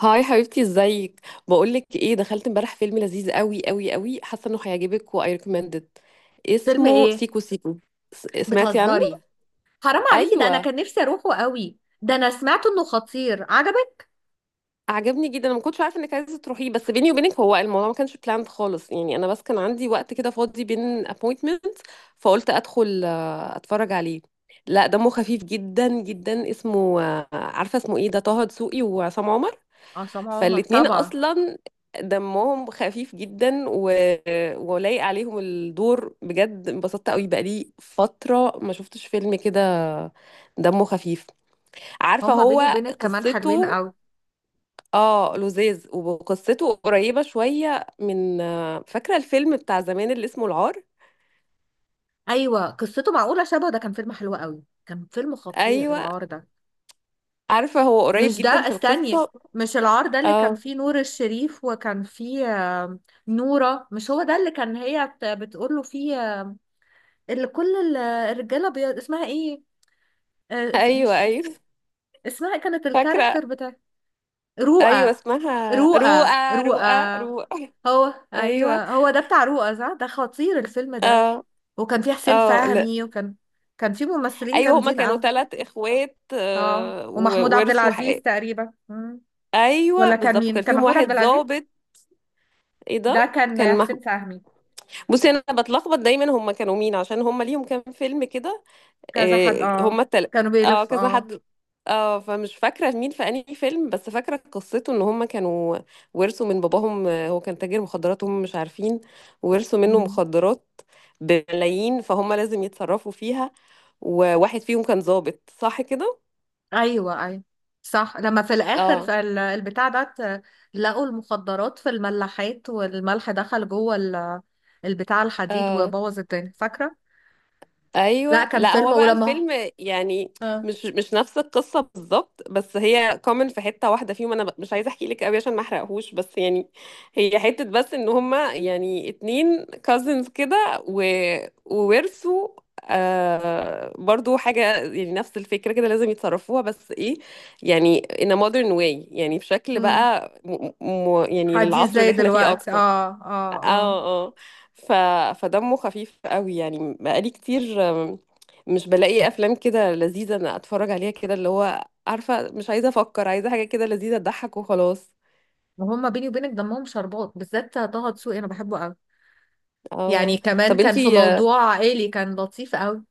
هاي حبيبتي ازيك؟ بقولك ايه، دخلت امبارح فيلم لذيذ قوي قوي قوي، حاسه انه هيعجبك واي ريكومندد. فيلم اسمه ايه؟ سيكو سيكو. سمعتي عنه؟ بتهزري؟ حرام عليكي، ده انا ايوه، كان نفسي اروحه قوي. ده انا سمعت انه خطير. عجبك؟ عجبني جدا. انا ما كنتش عارفه انك عايزه تروحيه، بس بيني وبينك هو الموضوع ما كانش بلاند خالص، يعني انا بس كان عندي وقت كده فاضي بين appointments، فقلت ادخل اتفرج عليه. لا دمه خفيف جدا جدا، اسمه عارفه اسمه ايه، ده طه دسوقي وعصام عمر، عصام عمر فالاتنين طبعا. اصلا دمهم خفيف جدا ولايق عليهم الدور بجد. انبسطت قوي، بقالي فترة ما شفتش فيلم كده دمه خفيف. عارفة هما هو بيني وبينك كمان حلوين قصته؟ قوي. اه لذيذ، وقصته قريبة شوية من، فاكرة الفيلم بتاع زمان اللي اسمه العار؟ ايوه، قصته معقوله شبه. ده كان فيلم حلو قوي، كان فيلم خطير ايوه. العار ده. عارفة هو قريب مش ده، جدا في استني. القصة. مش العار ده اللي كان اه، فيه نور الشريف وكان فيه آم، نورة، مش هو ده اللي كان هي بتقول له فيه؟ آم، اللي كل ال- الرجاله اسمها ايه؟ ايوه مش ايوه، اسمها إيه كانت فاكرة. الكاركتر بتاع ايوه رؤى؟ اسمها رؤى رؤى رؤى. رؤى رؤى. هو ايوه. ايوه، هو ده بتاع رؤى، صح. ده خطير الفيلم ده. اه وكان فيه حسين اه، لا فهمي، وكان فيه ممثلين ايوه، هما جامدين كانوا قوي. ثلاث اخوات اه، ومحمود عبد وورثوا العزيز حق. تقريبا. مم. ايوه ولا كان بالظبط، مين؟ وكان كان فيهم محمود واحد عبد العزيز، ظابط. ايه ده ده كان كان حسين فهمي. بصي انا بتلخبط دايما، هما كانوا مين؟ عشان هما ليهم كام فيلم كده. كذا حد، آه، اه. هما التل... كانوا اه بيلف، كذا اه. حد. اه، فمش فاكره مين في انهي فيلم، بس فاكره قصته ان هما كانوا ورثوا من باباهم، هو كان تاجر مخدرات هم مش عارفين، ورثوا منه مم. مخدرات بملايين، فهم لازم يتصرفوا فيها. وواحد فيهم كان ظابط صح كده. ايوه ايوه، صح. لما في الاخر اه في لقوا المخدرات في الملاحات، والملح دخل جوه البتاع الحديد، اه. وبوظ الدنيا، فاكره؟ لا، ايوه. كان لا فيلم، هو بقى ولما الفيلم يعني اه. مش نفس القصه بالظبط، بس هي كومن في حته واحده فيهم. انا مش عايزه احكي لك قوي عشان ما احرقهوش، بس يعني هي حته بس ان هما يعني اتنين كازنز كده وورثوا، آه برضو حاجه، يعني نفس الفكره كده لازم يتصرفوها، بس ايه، يعني in a modern way، يعني بشكل امم، بقى يعني حديث للعصر اللي زي احنا فيه دلوقتي، اكتر. اه اه اه اه. اه. ف... فدمه خفيف قوي. يعني بقالي كتير مش بلاقي افلام كده لذيذه انا اتفرج عليها كده، اللي هو عارفه مش عايزه افكر، عايزه حاجه كده لذيذه تضحك وخلاص. وهم بيني وبينك دمهم شربات، بالذات طه دسوقي، انا بحبه قوي. يعني اه. كمان طب كان في انتي، موضوع عائلي، كان لطيف قوي.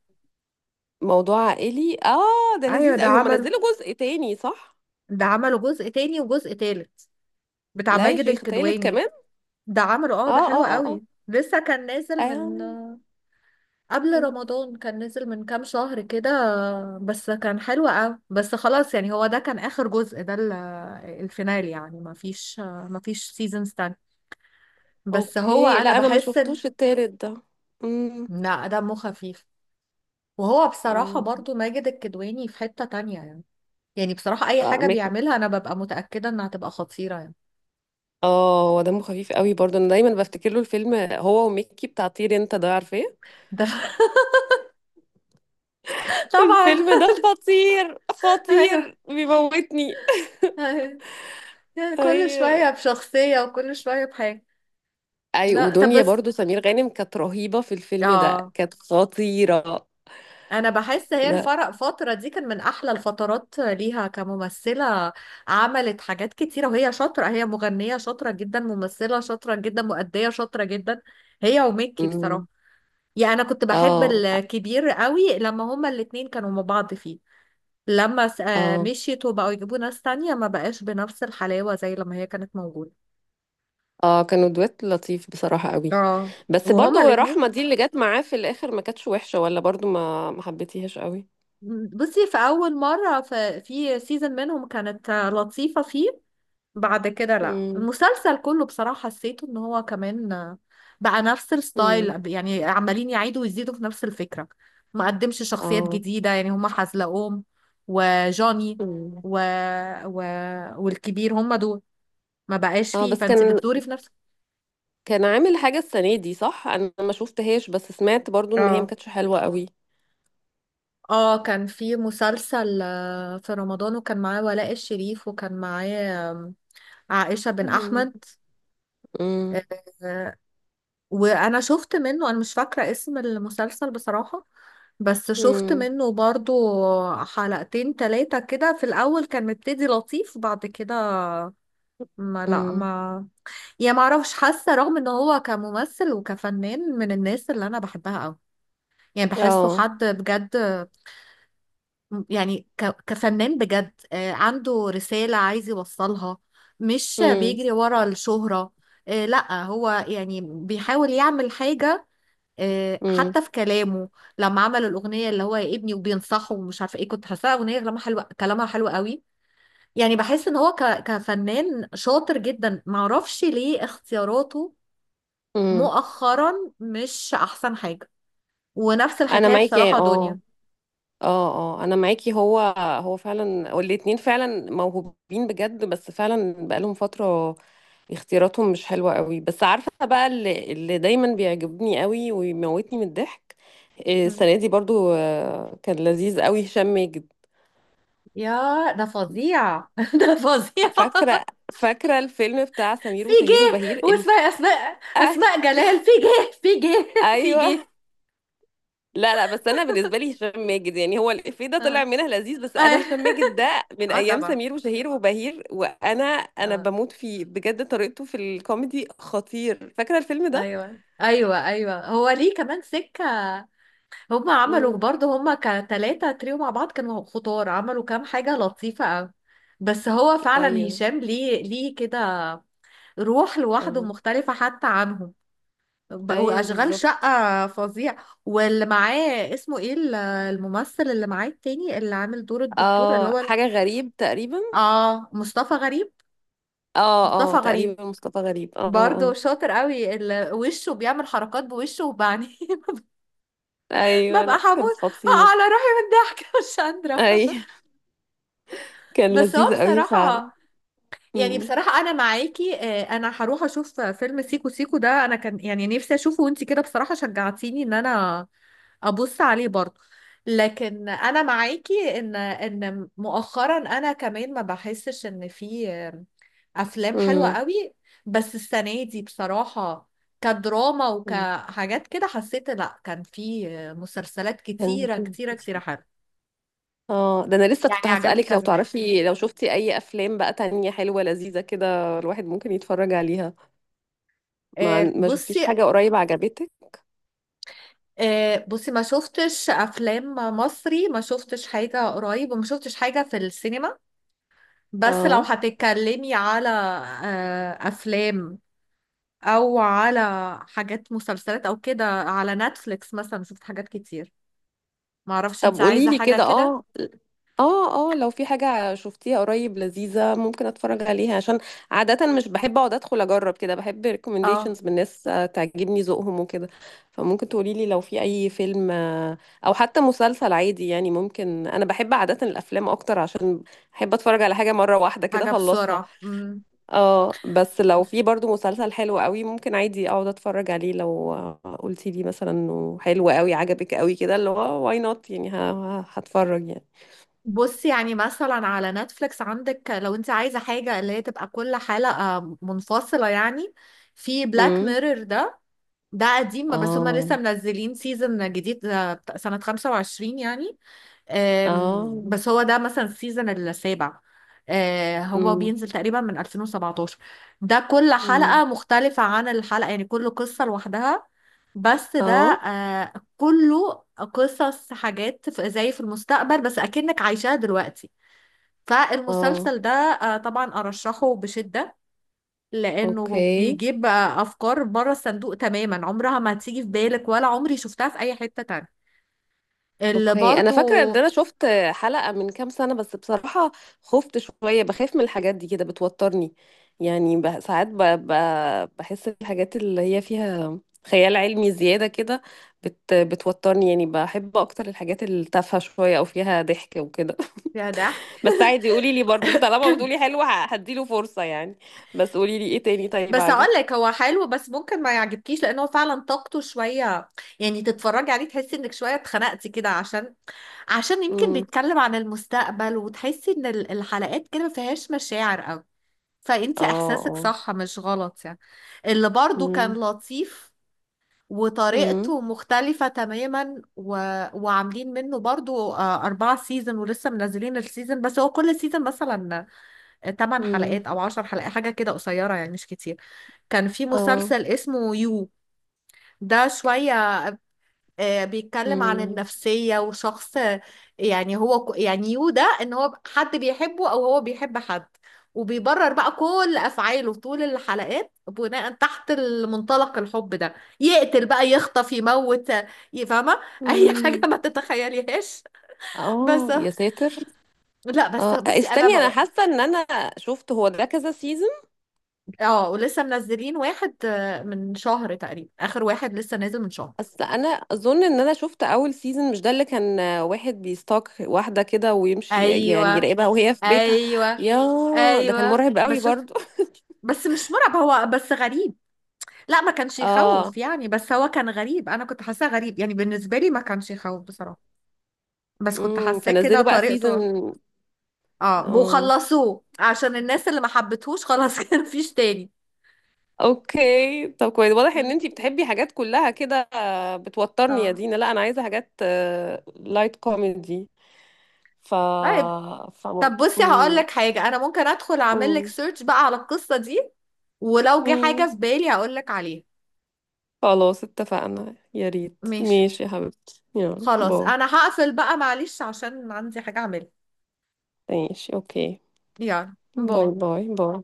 موضوع عائلي، اه ده ايوه، لذيذ ده قوي. هم عمل، نزلوا جزء تاني صح؟ ده عملوا جزء تاني وجزء تالت، بتاع لا يا ماجد شيخ، تالت الكدواني. كمان؟ ده عمله، اه، اه ده حلو اه اه. قوي. لسه كان اه نازل من قبل مم. رمضان، كان نزل من كام شهر كده. بس كان حلو قوي، بس خلاص يعني. هو ده كان آخر جزء، ده الفينال يعني. ما فيش سيزونز تاني. بس هو اوكي، لا انا انا ما بحس ان شفتوش التالت ده. امم. لا، دمه خفيف. وهو بصراحة برضو ماجد الكدواني في حتة تانية يعني. يعني بصراحة، أي حاجة امم. بيعملها أنا ببقى متأكدة إنها هتبقى خطيرة يعني. اه هو دمه خفيف قوي برضه. انا دايما بفتكر له الفيلم هو وميكي بتاع طير انت، ده عارفاه؟ ده طبعا. الفيلم ده خطير أيوه خطير، بيموتني. أيوه، يعني كل ايوه. شوية بشخصية وكل شوية بحاجة. اي، لا، طب ودنيا بس، برضه سمير غانم كانت رهيبة في الفيلم ده، اه. كانت خطيرة. انا بحس هي لا. الفرق فترة دي كان من احلى الفترات ليها كممثلة، عملت حاجات كتيرة. وهي شاطرة، هي مغنية شاطرة جدا، ممثلة شاطرة جدا، مؤدية شاطرة جدا. هي وميكي، أمم. بصراحة. يعني انا كنت بحب اه الكبير قوي لما هما الاتنين كانوا مع بعض فيه. لما اه. مشيت وبقوا يجيبوا ناس تانية، ما بقاش بنفس الحلاوة زي لما هي كانت موجودة. اه كانوا دويت لطيف بصراحة قوي. اه. بس وهما برضه رحمة الاتنين، دي اللي جت معاه في الاخر ما كانتش وحشة، ولا برضه ما حبيتيهاش قوي. بصي في اول مرة في سيزون منهم كانت لطيفة فيه. بعد كده لا، امم. المسلسل كله بصراحة حسيته ان هو كمان بقى نفس امم. الستايل يعني. عمالين يعيدوا ويزيدوا في نفس الفكرة، ما قدمش شخصيات اه. جديدة يعني. هما حزلقوم، وجوني، أمم. و... و... والكبير، هما دول. ما بقاش اه فيه، بس فانت كان، بتدوري في نفس. كان عامل حاجة السنة دي صح؟ انا ما شفتهاش، بس سمعت برضو ان هي ما اه كانتش حلوة قوي. اه. كان في مسلسل في رمضان، وكان معاه ولاء الشريف، وكان معاه عائشة بن مم. أحمد. آه، مم. آه، وأنا شفت منه، أنا مش فاكرة اسم المسلسل بصراحة، بس شفت مم. منه برضو حلقتين تلاتة كده. في الأول كان مبتدي لطيف، بعد كده ما لا مم. ما يعني ما اعرفش. حاسة رغم ان هو كممثل وكفنان من الناس اللي انا بحبها قوي، يعني بحسه اه. حد بجد يعني، كفنان بجد. عنده رسالة عايز يوصلها، مش مم. بيجري ورا الشهرة. لا هو يعني بيحاول يعمل حاجة. مم. حتى في كلامه، لما عمل الأغنية اللي هو يا ابني وبينصحه ومش عارفة ايه، كنت حاساها أغنية كلامها حلو، كلامها حلو قوي. يعني بحس ان هو كفنان شاطر جدا. معرفش ليه اختياراته مم. مؤخرا مش أحسن حاجة. ونفس انا الحكاية معاكي بصراحة دنيا. اه. اه اه انا معاكي، هو هو فعلا، والاتنين فعلا موهوبين بجد، بس فعلا بقالهم فترة اختياراتهم مش حلوة قوي. بس عارفة بقى اللي دايما بيعجبني قوي ويموتني من الضحك، مم. السنة دي برضو كان لذيذ قوي هشام ماجد. يا ده فظيع، ده فظيع. فاكرة، فاكرة الفيلم بتاع سمير في وشهير جه، وبهير واسمها الف...؟ أسماء، آه، أسماء جلال، في جه في جه في جه. ايوه. لا لا، بس انا بالنسبة لي هشام ماجد، يعني هو الإفيه ده اه. طلع منها لذيذ، بس آه، انا هشام ماجد ده من ايام طبعا. سمير وشهير وبهير، وانا اه. بموت فيه بجد، طريقته في الكوميدي خطير. فاكرة الفيلم ده؟ ايوه ايوه ايوه، هو ليه كمان سكه. هما عملوا امم. برضه، هما كتلاتة تريو مع بعض، كانوا خطار. عملوا كام حاجه لطيفه قوي. بس هو فعلا ايوه. هشام، ليه ليه كده روح لوحده اه. مختلفه حتى عنهم. بقوا ايوه اشغال بالظبط. شقه فظيع. واللي معاه اسمه ايه، الممثل اللي معاه التاني اللي عامل دور الدكتور اللي اه هو حاجة غريب تقريبا. مصطفى غريب. اه اه مصطفى غريب، تقريبا مصطفى غريب، اه برضه اه. شاطر قوي، اللي وشه بيعمل حركات بوشه وبعني، ايوه ببقى لا كان حبوس بقى خطير. على روحي من الضحك. مش قادرة. اي كان بس هو لذيذ قوي بصراحة، فعلا. يعني بصراحة أنا معاكي. أنا هروح أشوف فيلم سيكو سيكو ده، أنا كان يعني نفسي أشوفه، وأنتي كده بصراحة شجعتيني إن أنا أبص عليه برضه. لكن أنا معاكي إن مؤخرا أنا كمان ما بحسش إن في أفلام حلوة امم. قوي. بس السنة دي بصراحة كدراما أمم. وكحاجات كده حسيت، لأ، كان في مسلسلات كان كتيرة في، كتيرة كتيرة حلوة. اه ده انا لسه كنت يعني عجبني هسألك، لو كذا حاجة. تعرفي لو شفتي اي افلام بقى تانية حلوة لذيذة كده الواحد ممكن يتفرج عليها. ما ما شفتيش بصي، حاجة قريب عجبتك؟ بصي، ما شفتش افلام مصري، ما شفتش حاجة قريب، وما شفتش حاجة في السينما. بس لو اه هتتكلمي على افلام او على حاجات مسلسلات او كده على نتفليكس مثلا، شفت حاجات كتير. ما اعرفش انت طب قولي عايزة لي حاجة كده. اه كده، اه، اه لو في حاجة شفتيها قريب لذيذة ممكن اتفرج عليها، عشان عادة مش بحب اقعد ادخل اجرب كده، بحب اه، recommendations من ناس تعجبني ذوقهم وكده، فممكن تقولي لي لو في اي فيلم، او حتى مسلسل عادي يعني. ممكن انا بحب عادة الافلام اكتر، عشان بحب اتفرج على حاجة مرة واحدة كده حاجة اخلصها. بسرعة. مم. اه، بس لو في برضو مسلسل حلو قوي ممكن عادي اقعد اتفرج عليه، لو قلتي لي مثلا انه حلو قوي عجبك قوي كده، اللي هو واي نوت يعني، هتفرج يعني. بصي يعني مثلا على نتفليكس عندك، لو انت عايزة حاجة اللي هي تبقى كل حلقة منفصلة يعني، في بلاك امم. ميرور ده. ده قديم، بس هما لسه اه منزلين سيزون جديد بتاع سنة 25 يعني. اه. بس هو ده مثلا السيزون السابع. هو امم. بينزل تقريبا من 2017. ده كل امم. حلقة مختلفة عن الحلقة يعني، كل قصة لوحدها. بس ده اه كله قصص حاجات زي في المستقبل بس أكنك عايشاها دلوقتي. اه. فالمسلسل ده طبعا أرشحه بشدة، لانه اوكي. بيجيب بقى افكار بره الصندوق تماما، عمرها ما هتيجي في بالك ولا عمري شفتها في اي حتة تانية. اللي اوكي انا برضو، فاكره ان انا شفت حلقه من كام سنه، بس بصراحه خفت شويه. بخاف من الحاجات دي كده، بتوترني. يعني ساعات بحس الحاجات اللي هي فيها خيال علمي زياده كده بتوترني. يعني بحب اكتر الحاجات التافهه شويه او فيها ضحك وكده. يا ضحك. بس عادي، قولي لي برضو، طالما بتقولي حلو هديله فرصه يعني. بس قولي لي ايه تاني طيب بس اقول عجب. لك هو حلو، بس ممكن ما يعجبكيش، لان هو فعلا طاقته شويه يعني. تتفرجي عليه تحسي انك شويه اتخنقتي كده، عشان يمكن امم. بيتكلم عن المستقبل، وتحسي ان الحلقات كده ما فيهاش مشاعر قوي، فانت اه احساسك اه. صح مش غلط يعني. اللي برضو كان امم. لطيف امم. وطريقته مختلفة تماما، وعاملين منه برضو أربعة سيزون، ولسه منزلين السيزون. بس هو كل سيزون مثلا تمن امم. حلقات أو عشر حلقات، حاجة كده قصيرة يعني، مش كتير. كان في اه. مسلسل اسمه يو، ده شوية بيتكلم عن امم. النفسية وشخص. يعني هو يعني يو ده ان هو حد بيحبه او هو بيحب حد، وبيبرر بقى كل افعاله طول الحلقات بناء تحت المنطلق الحب ده. يقتل بقى، يخطف، يموت، يفهمه اي حاجة ما تتخيليهاش. بس اه يا ساتر. لا، بس اه بصي انا استني، انا بقى، حاسه ان انا شفت، هو ده كذا سيزون. اه، ولسه منزلين واحد من شهر تقريبا، اخر واحد لسه نازل من شهر. اصل انا اظن ان انا شفت اول سيزون، مش ده اللي كان واحد بيستاك واحده كده ويمشي، يعني ايوه يراقبها وهي في بيتها؟ ايوه يا، ده كان ايوه، مرعب قوي بس شفت. برضو. بس مش مرعب، هو بس غريب. لا، ما كانش اه. يخوف يعني، بس هو كان غريب، انا كنت حاساه غريب يعني. بالنسبه لي ما كانش يخوف بصراحه، بس كنت حاساه كده فنزلوا بقى طريقته. سيزون. اه، اه وخلصوه عشان الناس اللي ما حبتهوش، خلاص. كان مفيش تاني. اوكي، طب كويس. واضح ان مم. انتي بتحبي حاجات كلها كده بتوترني يا اه. دينا. لا انا عايزه حاجات لايت كوميدي، ف طيب، ف طب بصي هقول لك حاجه، انا ممكن ادخل اعمل لك امم. سيرش بقى على القصه دي، ولو جه مم. حاجه في بالي هقول لك عليها. خلاص اتفقنا، يا ريت، ماشي، ماشي يا حبيبتي، يلا خلاص، باي. انا هقفل بقى معلش عشان عندي حاجه اعملها. ماشي اوكي. يلا باي باي. باي باي.